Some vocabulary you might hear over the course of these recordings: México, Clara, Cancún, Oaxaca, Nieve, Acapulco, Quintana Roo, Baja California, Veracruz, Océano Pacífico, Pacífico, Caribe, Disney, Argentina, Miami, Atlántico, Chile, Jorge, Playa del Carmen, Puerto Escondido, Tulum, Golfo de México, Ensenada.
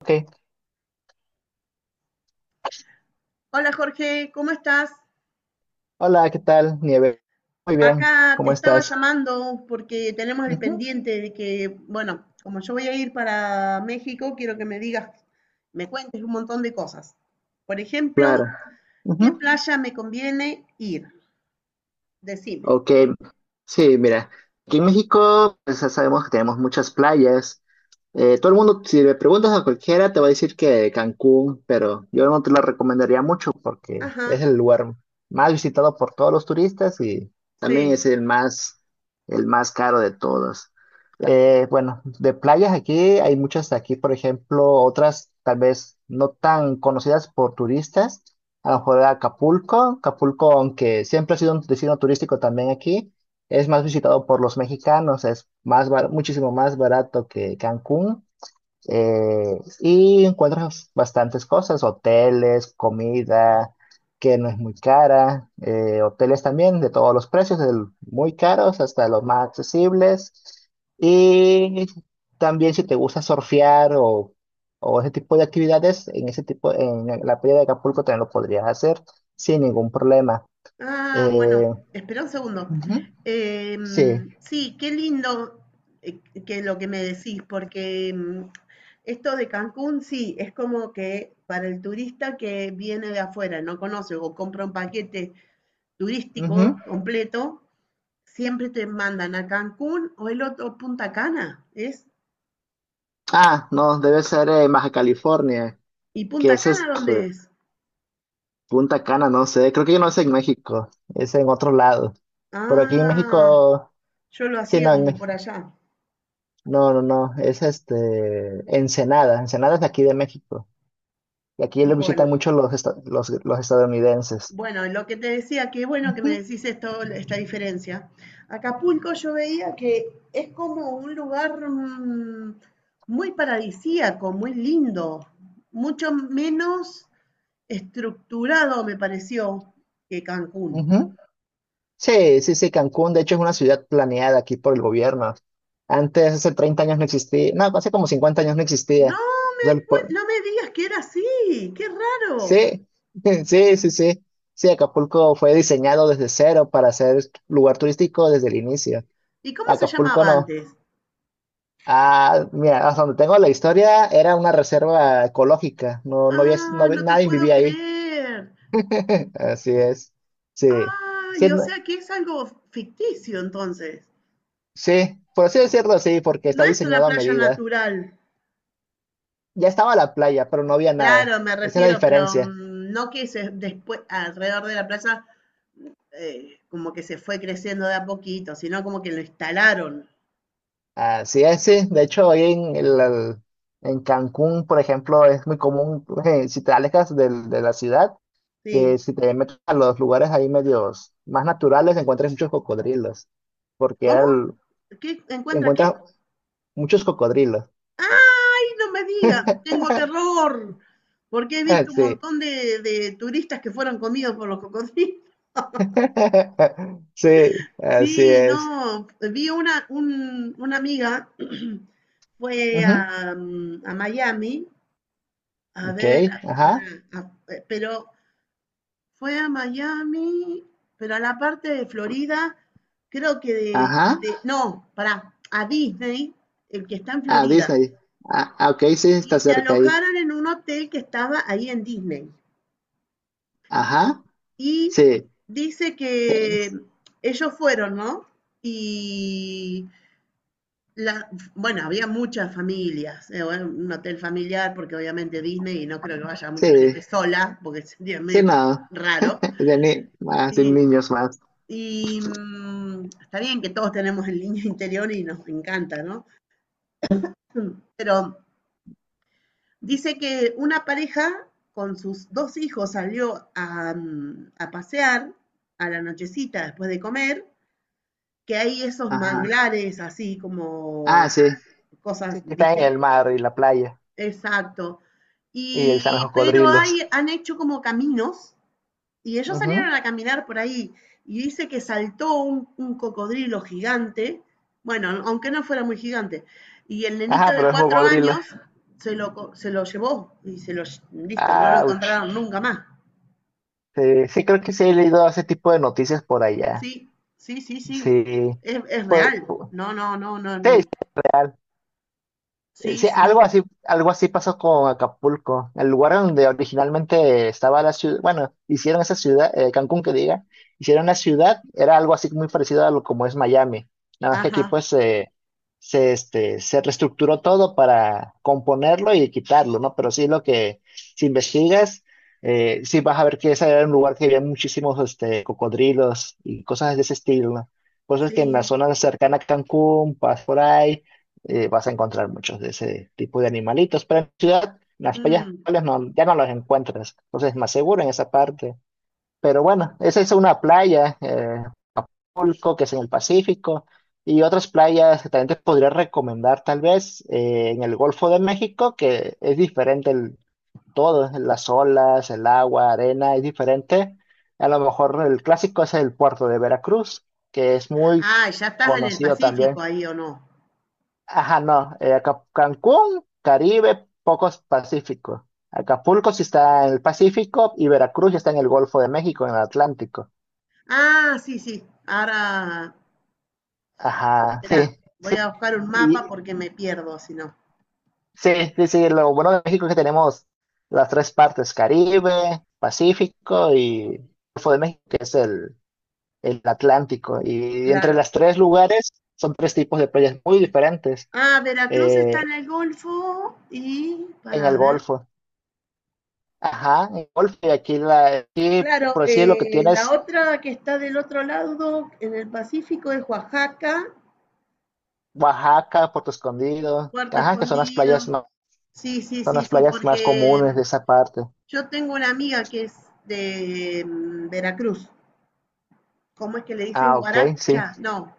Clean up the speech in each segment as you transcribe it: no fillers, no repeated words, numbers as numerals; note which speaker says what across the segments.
Speaker 1: Ok.
Speaker 2: Hola Jorge, ¿cómo estás?
Speaker 1: Hola, ¿qué tal, Nieve? Muy bien,
Speaker 2: Acá te
Speaker 1: ¿cómo
Speaker 2: estaba
Speaker 1: estás?
Speaker 2: llamando porque tenemos el
Speaker 1: Ujú,
Speaker 2: pendiente de que, bueno, como yo voy a ir para México, quiero que me digas, me cuentes un montón de cosas. Por ejemplo,
Speaker 1: claro.
Speaker 2: ¿qué
Speaker 1: Ujú.
Speaker 2: playa me conviene ir? Decime.
Speaker 1: Ok, sí, mira, aquí en México pues, ya sabemos que tenemos muchas playas. Todo el mundo, si le preguntas a cualquiera, te va a decir que Cancún, pero yo no te lo recomendaría mucho porque es
Speaker 2: Ajá,
Speaker 1: el lugar más visitado por todos los turistas y también es
Speaker 2: sí.
Speaker 1: el más caro de todos. Bueno, de playas aquí hay muchas aquí, por ejemplo, otras tal vez no tan conocidas por turistas. A lo mejor Acapulco, Acapulco, aunque siempre ha sido un destino turístico también aquí. Es más visitado por los mexicanos, es muchísimo más barato que Cancún. Y encuentras bastantes cosas, hoteles, comida que no es muy cara, hoteles también de todos los precios, del muy caros hasta los más accesibles. Y también si te gusta surfear o ese tipo de actividades, en ese tipo, en la playa de Acapulco también lo podrías hacer sin ningún problema.
Speaker 2: Ah, bueno,
Speaker 1: Eh,
Speaker 2: espera un segundo.
Speaker 1: ujú, sí.
Speaker 2: Sí, qué lindo, eh, que lo que me decís, porque esto de Cancún, sí, es como que para el turista que viene de afuera, no conoce o compra un paquete turístico
Speaker 1: Ujú.
Speaker 2: completo, siempre te mandan a Cancún o el otro Punta Cana, ¿es?
Speaker 1: Ah, no, debe ser en Baja California,
Speaker 2: ¿Y
Speaker 1: que
Speaker 2: Punta
Speaker 1: es
Speaker 2: Cana dónde es?
Speaker 1: Punta Cana, no sé. Creo que yo no es en México, es en otro lado. Pero aquí en
Speaker 2: Ah,
Speaker 1: México,
Speaker 2: yo lo
Speaker 1: sí,
Speaker 2: hacía
Speaker 1: no, en
Speaker 2: como por
Speaker 1: México,
Speaker 2: allá.
Speaker 1: no, no, no, es Ensenada. Ensenada es de aquí de México. Y aquí lo
Speaker 2: Bueno,
Speaker 1: visitan mucho los estadounidenses.
Speaker 2: Bueno, lo que te decía, que bueno que me
Speaker 1: Ujú,
Speaker 2: decís esto, esta diferencia. Acapulco yo veía que es como un lugar muy paradisíaco, muy lindo, mucho menos estructurado me pareció que Cancún.
Speaker 1: ujú. Sí, sí, sí, Cancún, de hecho, es una ciudad planeada aquí por el gobierno. Antes, hace 30 años no existía, no, hace como 50 años no existía.
Speaker 2: No
Speaker 1: O
Speaker 2: me,
Speaker 1: sea,
Speaker 2: cuen- no me digas que era así, qué raro.
Speaker 1: sí, sí, sí, sí. Sí, Acapulco fue diseñado desde cero para ser lugar turístico desde el inicio.
Speaker 2: ¿Y cómo se
Speaker 1: Acapulco
Speaker 2: llamaba
Speaker 1: no.
Speaker 2: antes?
Speaker 1: Ah, mira, hasta donde tengo la historia, era una reserva ecológica. No,
Speaker 2: Ah, no te
Speaker 1: nadie
Speaker 2: puedo
Speaker 1: vivía ahí.
Speaker 2: creer.
Speaker 1: Así es. Sí. Sí,
Speaker 2: Ay, o sea que es algo ficticio entonces.
Speaker 1: sí, por así decirlo, sí, porque está
Speaker 2: No es una
Speaker 1: diseñado a
Speaker 2: playa
Speaker 1: medida.
Speaker 2: natural.
Speaker 1: Ya estaba la playa, pero no había nada.
Speaker 2: Claro, me
Speaker 1: Esa es la
Speaker 2: refiero, pero
Speaker 1: diferencia.
Speaker 2: no que se, después, alrededor de la playa, como que se fue creciendo de a poquito, sino como que lo instalaron.
Speaker 1: Así es, sí. De hecho, hoy en Cancún, por ejemplo, es muy común, si te alejas de la ciudad,
Speaker 2: Sí.
Speaker 1: que si te metes a los lugares ahí medios más naturales, encuentras muchos cocodrilos, porque era
Speaker 2: ¿Cómo?
Speaker 1: el-
Speaker 2: ¿Qué encuentra qué?
Speaker 1: encuentras muchos cocodrilos.
Speaker 2: ¡Ay, no me digas! Tengo terror, porque he visto un
Speaker 1: Sí,
Speaker 2: montón de turistas que fueron comidos por los cocodrilos.
Speaker 1: sí, así
Speaker 2: Sí, no,
Speaker 1: es.
Speaker 2: vi una, una amiga, fue a,
Speaker 1: Ujú,
Speaker 2: mm, a Miami, a
Speaker 1: ok,
Speaker 2: ver, para,
Speaker 1: ajá,
Speaker 2: pero fue a Miami, pero a la parte de Florida, creo que
Speaker 1: ajá.
Speaker 2: no, para a Disney, el que está en
Speaker 1: Ah,
Speaker 2: Florida.
Speaker 1: Disney. Ah, ah, ok, sí,
Speaker 2: Y
Speaker 1: está
Speaker 2: se
Speaker 1: cerca ahí.
Speaker 2: alojaron en un hotel que estaba ahí en Disney.
Speaker 1: Ajá,
Speaker 2: Y
Speaker 1: sí,
Speaker 2: dice
Speaker 1: sí,
Speaker 2: que ellos fueron, ¿no? Y la, bueno, había muchas familias, bueno, un hotel familiar, porque obviamente Disney, y no creo que vaya mucha gente
Speaker 1: sí,
Speaker 2: sola, porque sería
Speaker 1: sí,
Speaker 2: medio
Speaker 1: no.
Speaker 2: raro.
Speaker 1: de ni- más, de
Speaker 2: Sí,
Speaker 1: niños más.
Speaker 2: y está bien que todos tenemos el niño interior y nos encanta, ¿no? Pero dice que una pareja con sus dos hijos salió a pasear a la nochecita después de comer, que hay esos
Speaker 1: Ajá.
Speaker 2: manglares así como
Speaker 1: Ah, sí.
Speaker 2: cosas,
Speaker 1: Sí, que está en
Speaker 2: ¿viste?
Speaker 1: el mar y la playa.
Speaker 2: Exacto.
Speaker 1: Y están
Speaker 2: Y,
Speaker 1: los
Speaker 2: pero hay,
Speaker 1: cocodrilos.
Speaker 2: han hecho como caminos. Y ellos
Speaker 1: Ujú.
Speaker 2: salieron a caminar por ahí y dice que saltó un cocodrilo gigante, bueno, aunque no fuera muy gigante, y el nenito
Speaker 1: Ajá,
Speaker 2: de
Speaker 1: pero es un
Speaker 2: cuatro
Speaker 1: cocodrilo.
Speaker 2: años se lo llevó y listo, no lo
Speaker 1: Ouch.
Speaker 2: encontraron nunca más.
Speaker 1: Sí, sí, creo que sí he leído ese tipo de noticias por allá.
Speaker 2: Sí, sí, sí, sí,
Speaker 1: Sí.
Speaker 2: es
Speaker 1: Pues,
Speaker 2: real. No, no, no,
Speaker 1: sí.
Speaker 2: no. Sí,
Speaker 1: Sí, algo
Speaker 2: sí,
Speaker 1: así, algo así pasó con Acapulco, el lugar donde originalmente estaba la ciudad, bueno, hicieron esa ciudad, Cancún que diga, hicieron la ciudad, era algo así muy parecido a lo como es Miami, nada más que
Speaker 2: ajá,
Speaker 1: aquí pues se reestructuró todo para componerlo y quitarlo, ¿no? Pero sí lo que, si investigas, sí vas a ver que ese era un lugar que había muchísimos cocodrilos y cosas de ese estilo, ¿no? Pues es que en la
Speaker 2: sí.
Speaker 1: zona cercana a Cancún, vas por ahí vas a encontrar muchos de ese tipo de animalitos, pero en la ciudad en las playas
Speaker 2: Mm.
Speaker 1: no, ya no los encuentras, entonces es más seguro en esa parte. Pero bueno, esa es una playa, Acapulco, que es en el Pacífico, y otras playas que también te podría recomendar tal vez en el Golfo de México, que es diferente el todo, las olas, el agua, arena, es diferente. A lo mejor el clásico es el puerto de Veracruz, que es muy
Speaker 2: Ah, ya estás en el
Speaker 1: conocido
Speaker 2: Pacífico
Speaker 1: también.
Speaker 2: ahí o no.
Speaker 1: Ajá, no. Cancún, Caribe, pocos Pacífico. Acapulco sí está en el Pacífico y Veracruz ya está en el Golfo de México, en el Atlántico.
Speaker 2: Ah, sí, sí, ahora,
Speaker 1: Ajá,
Speaker 2: espera,
Speaker 1: sí.
Speaker 2: voy a buscar un mapa
Speaker 1: Y,
Speaker 2: porque me pierdo si no.
Speaker 1: sí, sí, sí. Lo bueno de México es que tenemos las tres partes, Caribe, Pacífico y Golfo de México, que es el Atlántico. Y entre
Speaker 2: Claro.
Speaker 1: los tres lugares son tres tipos de playas muy diferentes
Speaker 2: Ah, Veracruz
Speaker 1: eh,
Speaker 2: está en el Golfo y
Speaker 1: en
Speaker 2: para
Speaker 1: el
Speaker 2: ver.
Speaker 1: Golfo. Ajá, en el Golfo y aquí
Speaker 2: Claro,
Speaker 1: por decir lo que
Speaker 2: la
Speaker 1: tienes
Speaker 2: otra que está del otro lado, en el Pacífico, es Oaxaca,
Speaker 1: Oaxaca, Puerto Escondido,
Speaker 2: Puerto
Speaker 1: ajá, que
Speaker 2: Escondido. Sí, sí,
Speaker 1: son
Speaker 2: sí,
Speaker 1: las
Speaker 2: sí,
Speaker 1: playas más
Speaker 2: porque
Speaker 1: comunes de esa parte.
Speaker 2: yo tengo una amiga que es de Veracruz. ¿Cómo es que le dicen?
Speaker 1: Ah, ok, sí.
Speaker 2: Guaracha, no,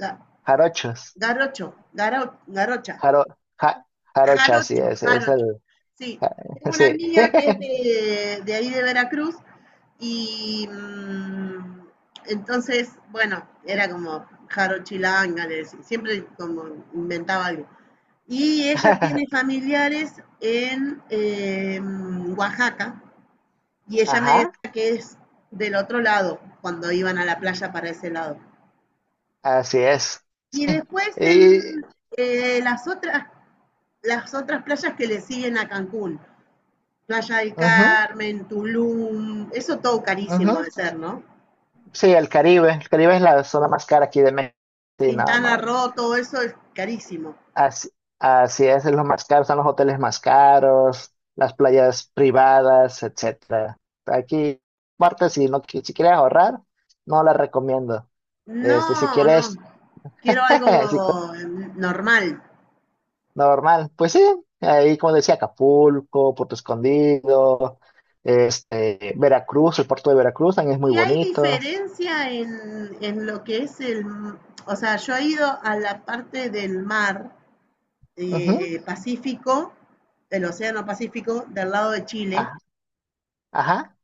Speaker 2: ga-
Speaker 1: Jarochos.
Speaker 2: garocho, garocha,
Speaker 1: Jaro, ja- jarocha, así
Speaker 2: jarocho,
Speaker 1: es
Speaker 2: jarocho.
Speaker 1: el,
Speaker 2: Sí, tengo una
Speaker 1: sí.
Speaker 2: amiga que es de ahí de Veracruz. Y entonces, bueno, era como Jaro Chilanga, le decía, siempre como inventaba algo. Y ella tiene familiares en Oaxaca y ella me
Speaker 1: Ajá,
Speaker 2: decía que es del otro lado, cuando iban a la playa para ese lado.
Speaker 1: así es.
Speaker 2: Y después en
Speaker 1: Y,
Speaker 2: eh, las, otras, las otras playas que le siguen a Cancún, Playa del
Speaker 1: ujú,
Speaker 2: Carmen, Tulum, eso todo carísimo
Speaker 1: ujú.
Speaker 2: de ser, ¿no?
Speaker 1: Sí, el Caribe es la zona más cara aquí de México. Sí, no,
Speaker 2: Quintana
Speaker 1: no.
Speaker 2: Roo, todo eso es carísimo.
Speaker 1: Así, así es, lo más caro, son los hoteles más caros, las playas privadas, etcétera. Aquí, parte, si quieres ahorrar, no la recomiendo. Si
Speaker 2: No, no,
Speaker 1: quieres,
Speaker 2: quiero
Speaker 1: si
Speaker 2: algo normal.
Speaker 1: normal, pues sí, ahí como decía, Acapulco, Puerto Escondido, Veracruz, el puerto de Veracruz también es muy
Speaker 2: Y hay
Speaker 1: bonito.
Speaker 2: diferencia en lo que es o sea, yo he ido a la parte del mar,
Speaker 1: Ujú.
Speaker 2: Pacífico, del Océano Pacífico, del lado de Chile,
Speaker 1: Ajá, ajá,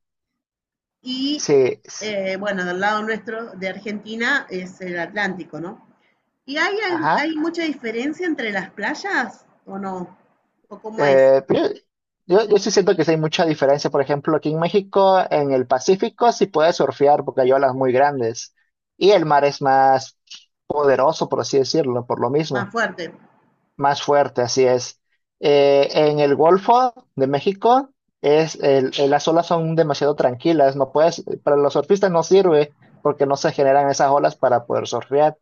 Speaker 2: y
Speaker 1: sí, sí,
Speaker 2: bueno, del lado nuestro de Argentina es el Atlántico, ¿no? ¿Y hay,
Speaker 1: ajá.
Speaker 2: hay mucha diferencia entre las playas o no? ¿O cómo es?
Speaker 1: Pero yo sí siento que sí hay mucha diferencia. Por ejemplo, aquí en México, en el Pacífico, sí puedes surfear porque hay olas muy grandes y el mar es más poderoso, por así decirlo, por lo
Speaker 2: Más
Speaker 1: mismo,
Speaker 2: fuerte.
Speaker 1: más fuerte, así es. En el Golfo de México, las olas son demasiado tranquilas, no puedes, para los surfistas no sirve porque no se generan esas olas para poder surfear.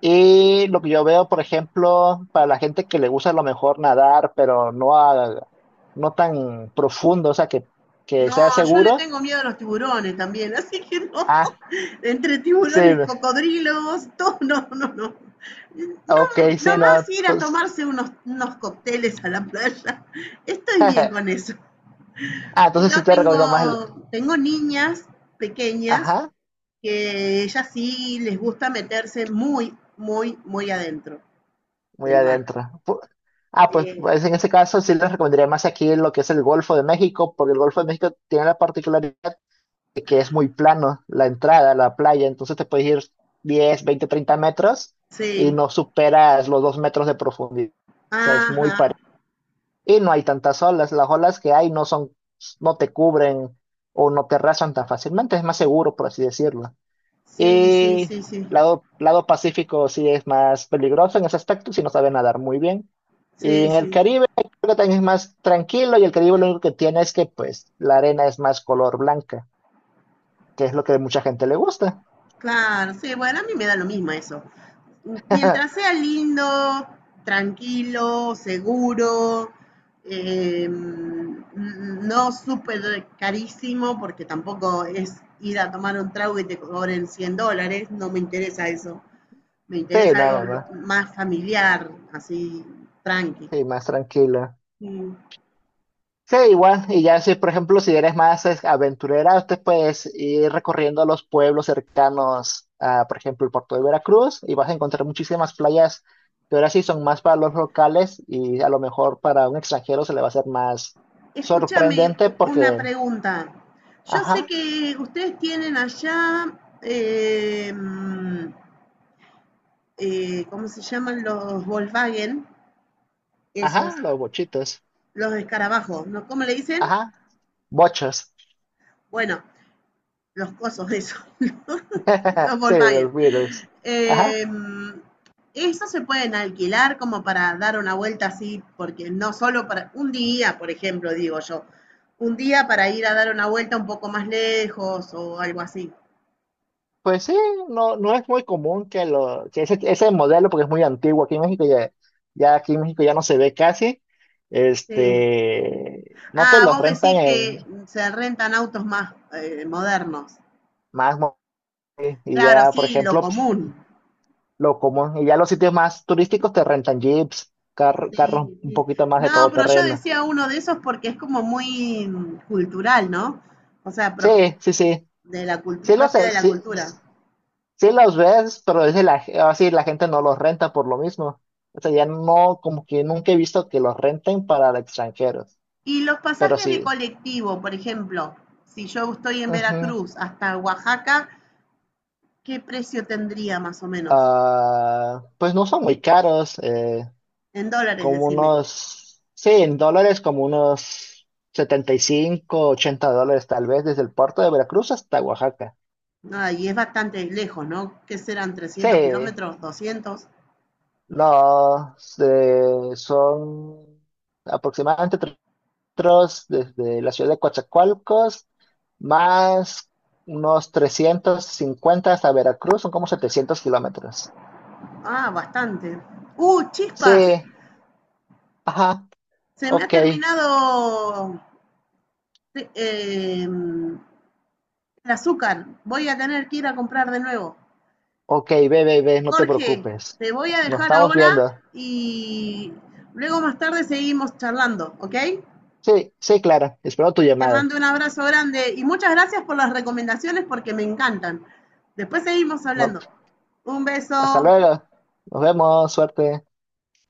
Speaker 1: Y lo que yo veo, por ejemplo, para la gente que le gusta a lo mejor nadar, pero no, no tan profundo, o sea, que
Speaker 2: No,
Speaker 1: sea
Speaker 2: yo le
Speaker 1: seguro.
Speaker 2: tengo miedo a los tiburones también, así que no.
Speaker 1: Ah,
Speaker 2: Entre
Speaker 1: sí,
Speaker 2: tiburones, cocodrilos, todo, no, no, no.
Speaker 1: ok,
Speaker 2: No,
Speaker 1: sí, no.
Speaker 2: nomás ir a
Speaker 1: Entonces,
Speaker 2: tomarse unos, unos cócteles a la playa. Estoy bien
Speaker 1: ah,
Speaker 2: con eso.
Speaker 1: entonces
Speaker 2: Pero
Speaker 1: sí te recomiendo más el...
Speaker 2: tengo, tengo niñas pequeñas
Speaker 1: Ajá,
Speaker 2: que ellas sí les gusta meterse muy, muy, muy adentro
Speaker 1: muy
Speaker 2: del mar.
Speaker 1: adentro. Ah, pues,
Speaker 2: Eh,
Speaker 1: pues en ese caso sí les recomendaría más aquí lo que es el Golfo de México, porque el Golfo de México tiene la particularidad que es muy plano la entrada a la playa, entonces te puedes ir 10, 20, 30 metros y
Speaker 2: sí,
Speaker 1: no superas los 2 metros de profundidad. O sea, es muy
Speaker 2: ajá,
Speaker 1: parecido. Y no hay tantas olas, las olas que hay no son, no te cubren o no te rasan tan fácilmente, es más seguro, por así decirlo.
Speaker 2: sí, sí,
Speaker 1: Y
Speaker 2: sí, sí,
Speaker 1: lado Pacífico sí es más peligroso en ese aspecto, si no sabe nadar muy bien. Y
Speaker 2: sí,
Speaker 1: en el
Speaker 2: sí.
Speaker 1: Caribe creo que también es más tranquilo y el Caribe lo único que tiene es que pues la arena es más color blanca que es lo que a mucha gente le gusta.
Speaker 2: Claro, sí, bueno, a mí me da lo mismo eso, mientras sea lindo, tranquilo, seguro, no súper carísimo, porque tampoco es ir a tomar un trago y te cobren $100, no me interesa eso. Me
Speaker 1: Sí,
Speaker 2: interesa algo
Speaker 1: nada más.
Speaker 2: más familiar, así, tranqui.
Speaker 1: Sí, más tranquila.
Speaker 2: Mm.
Speaker 1: Sí, igual. Y ya si, por ejemplo, si eres más aventurera, usted puedes ir recorriendo los pueblos cercanos a, por ejemplo, el puerto de Veracruz y vas a encontrar muchísimas playas que ahora sí son más para los locales y a lo mejor para un extranjero se le va a hacer más
Speaker 2: Escúchame
Speaker 1: sorprendente
Speaker 2: una
Speaker 1: porque,
Speaker 2: pregunta. Yo sé
Speaker 1: ajá,
Speaker 2: que ustedes tienen allá, eh, mm, ¿cómo se llaman los Volkswagen? Esos,
Speaker 1: ajá, los bochitos,
Speaker 2: los escarabajos, ¿no? ¿Cómo le dicen?
Speaker 1: ajá, bochos,
Speaker 2: Bueno, los cosos, esos, los, los
Speaker 1: sí,
Speaker 2: Volkswagen.
Speaker 1: los virus, ajá.
Speaker 2: Eh, esos se pueden alquilar como para dar una vuelta así, porque no solo para un día, por ejemplo, digo yo, un día para ir a dar una vuelta un poco más lejos o algo así.
Speaker 1: Pues sí, no, no es muy común que ese modelo, porque es muy antiguo aquí en México, ya, aquí en México ya no se ve casi,
Speaker 2: Sí.
Speaker 1: no te
Speaker 2: Ah,
Speaker 1: los
Speaker 2: vos
Speaker 1: rentan
Speaker 2: decís
Speaker 1: en
Speaker 2: que se rentan autos más modernos.
Speaker 1: más mo- y
Speaker 2: Claro,
Speaker 1: ya, por
Speaker 2: sí, lo
Speaker 1: ejemplo,
Speaker 2: común.
Speaker 1: lo común, y ya los sitios más turísticos te rentan jeeps, carros
Speaker 2: Sí,
Speaker 1: un
Speaker 2: sí.
Speaker 1: poquito más de
Speaker 2: No,
Speaker 1: todo
Speaker 2: pero yo
Speaker 1: terreno.
Speaker 2: decía uno de esos porque es como muy cultural, ¿no? O sea,
Speaker 1: Sí, sí,
Speaker 2: propio de la
Speaker 1: sí,
Speaker 2: cultura.
Speaker 1: sí los ves, pero es de la, así la gente no los renta por lo mismo. O sea, ya no, como que nunca he visto que los renten para extranjeros.
Speaker 2: Y los
Speaker 1: Pero
Speaker 2: pasajes de
Speaker 1: sí.
Speaker 2: colectivo, por ejemplo, si yo estoy en
Speaker 1: Ujú.
Speaker 2: Veracruz hasta Oaxaca, ¿qué precio tendría más o menos?
Speaker 1: Ah, pues no son muy caros,
Speaker 2: En dólares,
Speaker 1: como
Speaker 2: decime.
Speaker 1: unos, sí, en dólares como unos 75-80 dólares tal vez desde el puerto de Veracruz hasta Oaxaca.
Speaker 2: Ah, y es bastante lejos, ¿no? ¿Qué serán?
Speaker 1: Sí,
Speaker 2: ¿300 km? ¿200?
Speaker 1: los son aproximadamente 3 kilómetros desde la ciudad de Coatzacoalcos, más unos 350 hasta Veracruz, son como 700 kilómetros.
Speaker 2: Ah, bastante. ¡Uh,
Speaker 1: Sí,
Speaker 2: chispas!
Speaker 1: ajá,
Speaker 2: Se me ha
Speaker 1: ok.
Speaker 2: terminado te- em, el azúcar. Voy a tener que ir a comprar de nuevo.
Speaker 1: Ok, ve, ve, ve, no te
Speaker 2: Jorge,
Speaker 1: preocupes.
Speaker 2: te voy a
Speaker 1: Nos
Speaker 2: dejar
Speaker 1: estamos
Speaker 2: ahora
Speaker 1: viendo.
Speaker 2: y luego más tarde seguimos charlando, ¿ok?
Speaker 1: Sí, sí, Clara, espero tu
Speaker 2: Te
Speaker 1: llamada.
Speaker 2: mando un abrazo grande y muchas gracias por las recomendaciones porque me encantan. Después seguimos
Speaker 1: No-
Speaker 2: hablando. Un
Speaker 1: hasta
Speaker 2: beso.
Speaker 1: luego. Nos vemos, suerte.